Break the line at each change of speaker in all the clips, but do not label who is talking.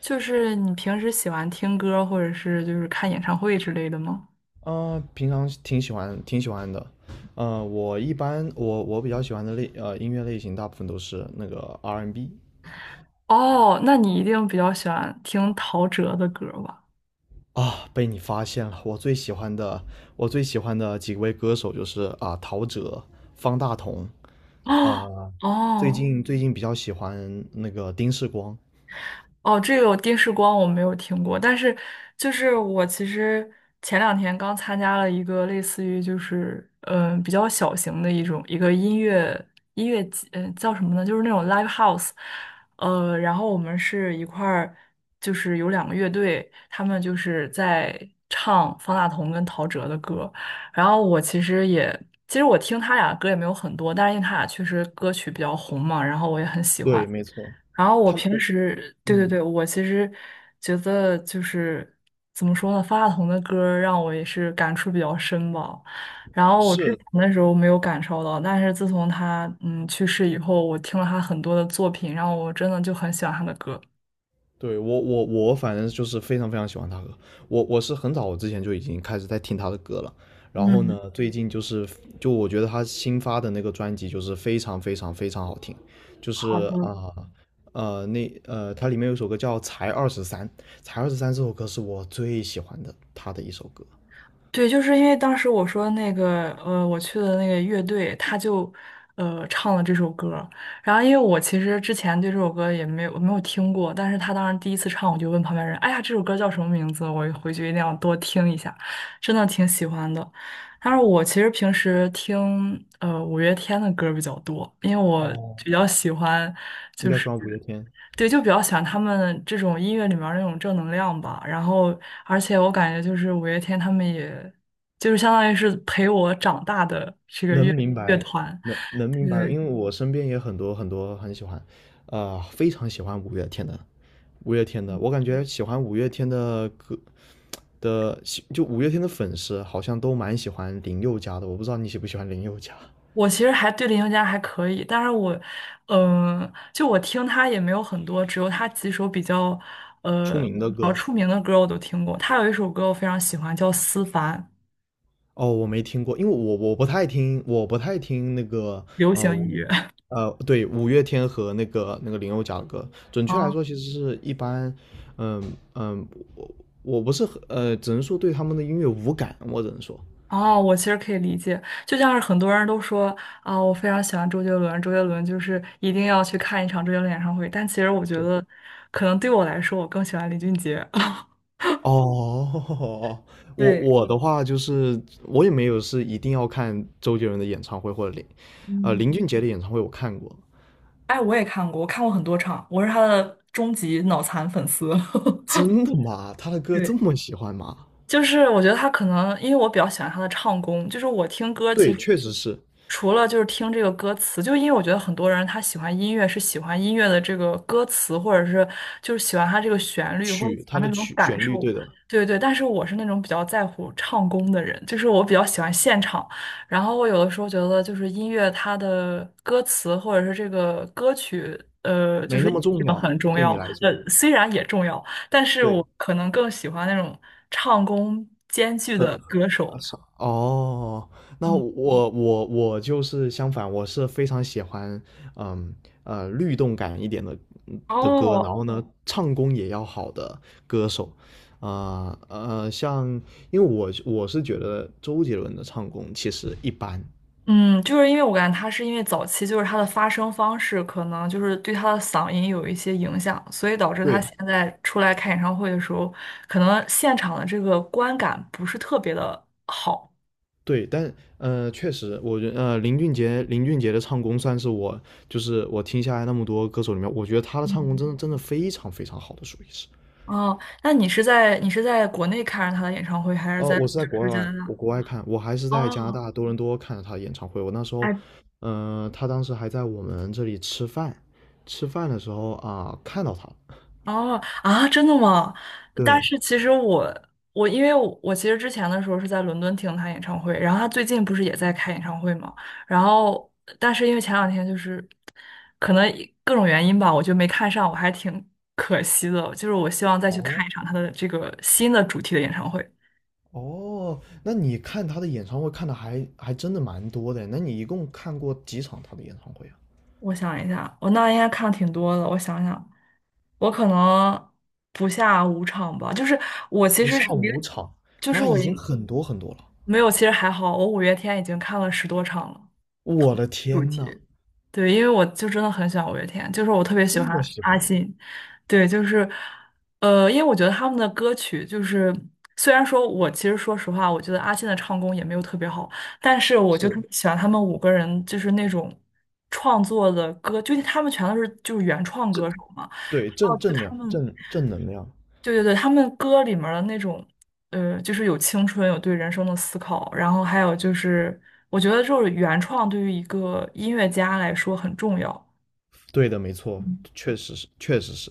就是你平时喜欢听歌，或者是就是看演唱会之类的吗？
平常挺喜欢的，我一般我我比较喜欢的音乐类型，大部分都是那个 R&B 。
哦，那你一定比较喜欢听陶喆的歌吧？
啊，被你发现了，我最喜欢的几位歌手就是啊，陶喆、方大同，
哦
呃，最
哦，
近最近比较喜欢那个丁世光。
哦，这个电视光我没有听过，但是就是我其实前两天刚参加了一个类似于就是比较小型的一个音乐节，叫什么呢？就是那种 live house，然后我们是一块儿就是有两个乐队，他们就是在唱方大同跟陶喆的歌，然后我其实也。其实我听他俩歌也没有很多，但是因为他俩确实歌曲比较红嘛，然后我也很喜欢。
对，没错，
然后我
他
平
我
时，对对
嗯。
对，我其实觉得就是怎么说呢，方大同的歌儿让我也是感触比较深吧。然后我之
是。
前的时候没有感受到，但是自从他去世以后，我听了他很多的作品，然后我真的就很喜欢他的歌。
对我反正就是非常非常喜欢他歌，我是很早之前就已经开始在听他的歌了。然后
嗯，
呢，最近就是我觉得他新发的那个专辑就是非常非常非常好听，就
好
是
的，
啊那他里面有一首歌叫《才二十三》，才二十三这首歌是我最喜欢的他的一首歌。
对，就是因为当时我说那个，我去的那个乐队，他就，唱了这首歌儿然后，因为我其实之前对这首歌也没有听过，但是他当时第一次唱，我就问旁边人：“哎呀，这首歌叫什么名字？”我回去一定要多听一下，真的挺喜欢的。但是我其实平时听五月天的歌儿比较多，因为我比
哦，
较喜欢
应
就
该喜
是。
欢五月天，
对，就比较喜欢他们这种音乐里面儿那种正能量吧。然后，而且我感觉就是五月天他们也，就是相当于是陪我长大的这个
能
乐
明
乐
白
团。
能明白，
对，
因为我身边也很多很多很喜欢，啊，非常喜欢五月天的，我感觉喜欢五月天的歌的，就五月天的粉丝好像都蛮喜欢林宥嘉的。我不知道你喜不喜欢林宥嘉。
我其实还对林宥嘉还可以，但是我，就我听他也没有很多，只有他几首比较，
出名的
比较
歌。
出名的歌我都听过。他有一首歌我非常喜欢，叫《思凡》，
哦，我没听过，因为我不太听，我不太听那个
流
呃
行音
五月
乐。
呃对，五月天和那个林宥嘉的歌。准确来说，其实是一般。嗯嗯，我我不是很只能说对他们的音乐无感，我只能说。
哦，我其实可以理解，就像是很多人都说啊，我非常喜欢周杰伦，周杰伦就是一定要去看一场周杰伦演唱会。但其实我觉得，可能对我来说，我更喜欢林俊杰。
哦。我
对，
我的话就是我也没有是一定要看周杰伦的演唱会或者
嗯，
林俊杰的演唱会我看过。
哎，我也看过，我看过很多场，我是他的终极脑残粉丝。
真的吗？他的 歌这
对。
么喜欢吗？
就是我觉得他可能，因为我比较喜欢他的唱功，就是我听歌其
对，
实
确实是
除了就是听这个歌词，就因为我觉得很多人他喜欢音乐是喜欢音乐的这个歌词，或者是就是喜欢他这个旋律，或者喜
他
欢
的
那种
曲
感
旋律，
受，
对的，
对对。但是我是那种比较在乎唱功的人，就是我比较喜欢现场。然后我有的时候觉得就是音乐它的歌词或者是这个歌曲，就
没
是
那
意
么重
境
要，
很重
对
要，
你来说，
虽然也重要。但是
对。
我可能更喜欢那种唱功兼具
很
的歌手。
很少。哦，那
嗯，
我就是相反，我是非常喜欢，嗯律动感一点的歌，然
哦，
后呢，唱功也要好的歌手，啊像因为我是觉得周杰伦的唱功其实一般。
嗯，就是因为我感觉他是因为早期就是他的发声方式可能就是对他的嗓音有一些影响，所以导致他
对
现在出来开演唱会的时候，可能现场的这个观感不是特别的好。
对，但确实，林俊杰的唱功算是我我听下来那么多歌手里面，我觉得他的唱功
嗯，
真的真的非常非常好的，属于是。
哦，那你是在国内看着他的演唱会，还是
哦，
在就
我是在国
是加
外，
拿大？
我国外看，我还是在加拿
哦，
大多伦多看了他的演唱会。我那时候，
哎。
他当时还在我们这里吃饭，吃饭的时候啊，看到他了。
哦啊，真的吗？但
对。
是其实我因为我其实之前的时候是在伦敦听他演唱会，然后他最近不是也在开演唱会嘛，然后但是因为前两天就是可能各种原因吧，我就没看上，我还挺可惜的。就是我希望再去看
哦，
一场他的这个新的主题的演唱会。
哦，那你看他的演唱会看的还真的蛮多的。那你一共看过几场他的演唱会啊？
我想一下，我那应该看挺多的。我想想，我可能不下五场吧。就是我其
不
实
下
是一
五
个
场，
就是
那
我
已经
应
很多很多了。
没有，其实还好，我五月天已经看了10多场了。
我的
主
天呐，
题？对，因为我就真的很喜欢五月天，就是我特别喜
这
欢
么喜
阿
欢吗？
信。对，就是，因为我觉得他们的歌曲就是，虽然说我其实说实话，我觉得阿信的唱功也没有特别好，但是我就
是，
特别喜欢他们五个人，就是那种创作的歌，就是他们全都是就是原创歌
正
手嘛。
对
然后
正
就
正量
他们
正正能量，
对对对，他们歌里面儿的那种，就是有青春，有对人生的思考，然后还有就是，我觉得就是原创对于一个音乐家来说很重要。
对的，没错，
嗯
确实是，确实是。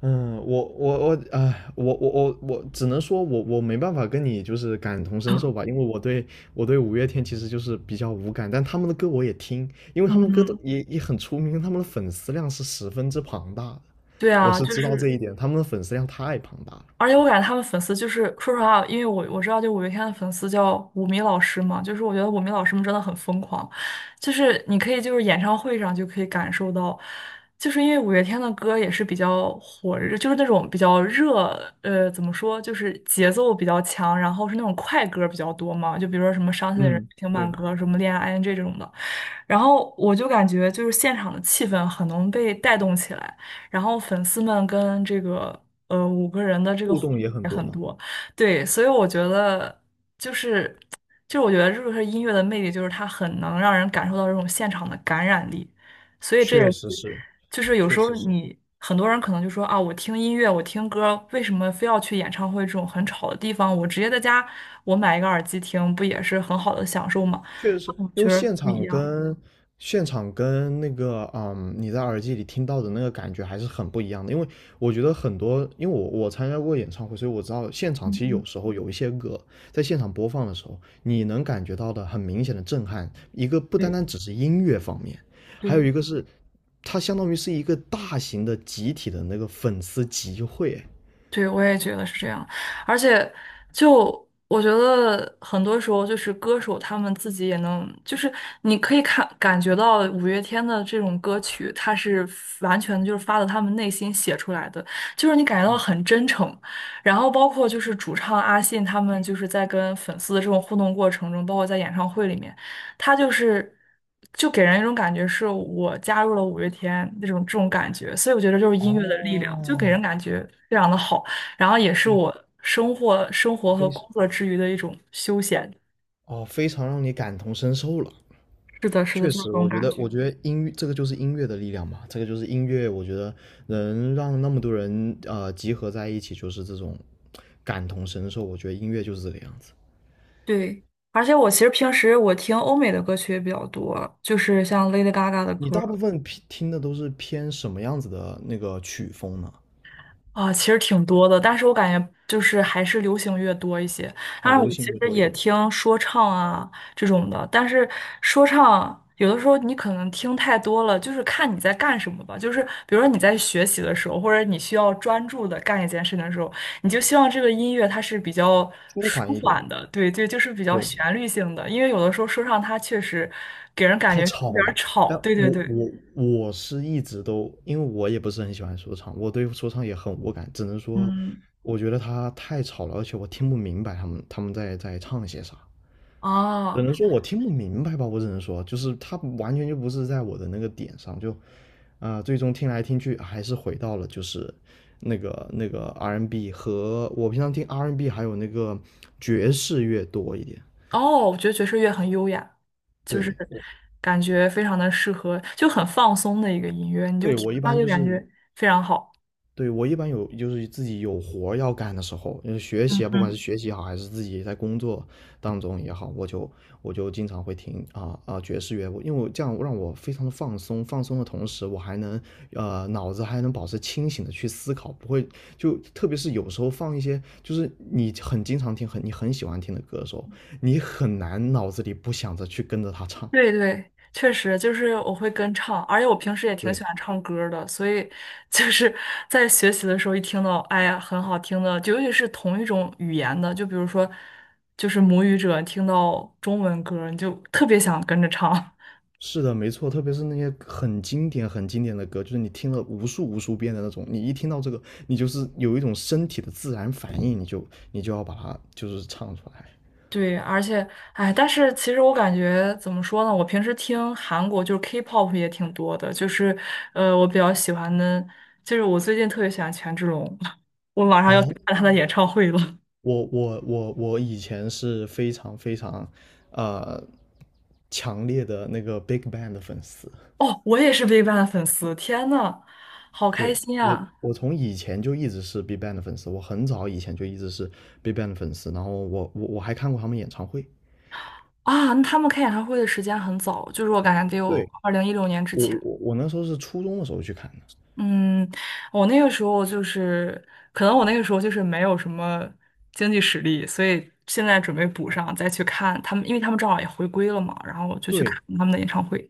嗯，我只能说我没办法跟你就是感同身受吧，因为我对五月天其实就是比较无感，但他们的歌我也听，因为他们歌都
嗯，
也很出名，他们的粉丝量是十分之庞大的，
对
我
啊，
是
就
知道这
是
一点，他们的粉丝量太庞大了。
而且我感觉他们粉丝就是说实话，因为我知道，就五月天的粉丝叫五迷老师嘛，就是我觉得五迷老师们真的很疯狂，就是你可以就是演唱会上就可以感受到，就是因为五月天的歌也是比较火热，就是那种比较热，怎么说，就是节奏比较强，然后是那种快歌比较多嘛，就比如说什么伤心的人
嗯，
听慢
对，
歌，什么恋爱 ING 这种的。然后我就感觉就是现场的气氛很能被带动起来，然后粉丝们跟这个五个人的这个
互
互
动
动
也很
也
多
很
嘛，
多，对，所以我觉得就是就是我觉得这个是音乐的魅力，就是它很能让人感受到这种现场的感染力，所以这也
确实
是
是，
就是有
确
时候
实是。
你很多人可能就说啊，我听音乐，我听歌，为什么非要去演唱会这种很吵的地方？我直接在家我买一个耳机听，不也是很好的享受吗？
确实是
我
因
觉
为
得
现
不一
场
样。
跟现场跟那个你在耳机里听到的那个感觉还是很不一样的。因为我觉得很多，因为我参加过演唱会，所以我知道现场其实
嗯，
有时候有一些歌在现场播放的时候，你能感觉到的很明显的震撼。一个不单单
对
只是音乐方面，还有
对
一个是它相当于是一个大型的集体的那个粉丝集会。
对，我也觉得是这样。而且，就我觉得很多时候，就是歌手他们自己也能，就是你可以看感觉到五月天的这种歌曲，它是完全就是发自他们内心写出来的，就是你感觉到很真诚。然后包括就是主唱阿信他们就是在跟粉丝的这种互动过程中，包括在演唱会里面。他就是就给人一种感觉是我加入了五月天那种这种感觉，所以我觉得就是音乐的力量，就给
哦，
人感觉非常的好，然后也是
嗯
我生活和
非
工
常
作之余的一种休闲。
哦，非常让你感同身受了。
是的，是的，就
确
是这
实，我
种
觉
感
得，
觉。
我觉得音乐这个就是音乐的力量嘛，这个就是音乐，我觉得能让那么多人集合在一起，就是这种感同身受。我觉得音乐就是这个样子。
对，而且我其实平时我听欧美的歌曲也比较多，就是像 Lady Gaga 的
你
歌，
大部分偏听的都是偏什么样子的那个曲风呢？
啊，其实挺多的，但是我感觉就是还是流行乐多一些。
啊，
当然，
流
我其
行乐
实
多一
也
点，
听说唱啊这种的，但是说唱有的时候你可能听太多了，就是看你在干什么吧。就是比如说你在学习的时候，或者你需要专注的干一件事情的时候，你就希望这个音乐它是比较
舒
舒
缓一点，
缓的，对对，就是比较
对，
旋律性的。因为有的时候说唱它确实给人感
太
觉是有
吵
点儿
了。
吵，
但
对对
我
对，
我我是一直都，因为我也不是很喜欢说唱，我对说唱也很无感，只能说
嗯，
我觉得他太吵了，而且我听不明白他们在唱些啥。只
哦、
能说我听不明白吧，我只能说，就是它完全就不是在我的那个点上，最终听来听去还是回到了就是那个 R&B 和我平常听 R&B 还有那个爵士乐多一点。
哦，我觉得爵士乐很优雅，就是
对，
感觉非常的适合，就很放松的一个音乐，你就
对
听
我一
它
般
就
就
感
是
觉非常好。
对，我一般有就是自己有活儿要干的时候，就是学
嗯
习啊，不管是
嗯，
学习好，还是自己在工作当中也好，我就经常会听爵士乐，因为我这样让我非常的放松，放松的同时，我还能脑子还能保持清醒的去思考，不会就特别是有时候放一些就是你很经常听你很喜欢听的歌的时候，你很难脑子里不想着去跟着他唱。
对对，确实就是我会跟唱，而且我平时也挺
对。
喜欢唱歌儿的，所以就是在学习的时候一听到，哎呀，很好听的，就尤其是同一种语言的，就比如说就是母语者听到中文歌儿你就特别想跟着唱。
是的，没错，特别是那些很经典、很经典的歌，就是你听了无数无数遍的那种，你一听到这个，你就是有一种身体的自然反应，你就要把它就是唱出来。
对，而且，哎，但是其实我感觉怎么说呢？我平时听韩国就是 K-pop 也挺多的，就是我比较喜欢的，就是我最近特别喜欢权志龙，我马上要去
哦，
看他的演唱会了。
我以前是非常非常，呃，强烈的那个 Big Bang 的粉丝。
哦，我也是 V i 的粉丝，天呐，好开
对，
心
我
啊！
我从以前就一直是 Big Bang 的粉丝，我很早以前就一直是 Big Bang 的粉丝，然后我还看过他们演唱会。
啊，那他们开演唱会的时间很早，就是我感觉得有
对，
2016年之
我
前。
我我那时候是初中的时候去看的。
嗯，我那个时候就是，可能我那个时候就是没有什么经济实力，所以现在准备补上，再去看他们，因为他们正好也回归了嘛，然后我就去看
对，
他们的演唱会。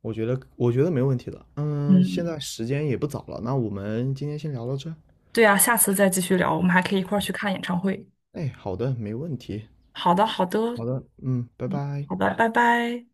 我觉得没问题的。嗯，现
嗯，
在时间也不早了，那我们今天先聊到这。
对啊，下次再继续聊，我们还可以一块儿去看演唱会。
哎，好的，没问题。
好的，好的，
好的。嗯，拜
嗯，
拜。
好的，拜拜。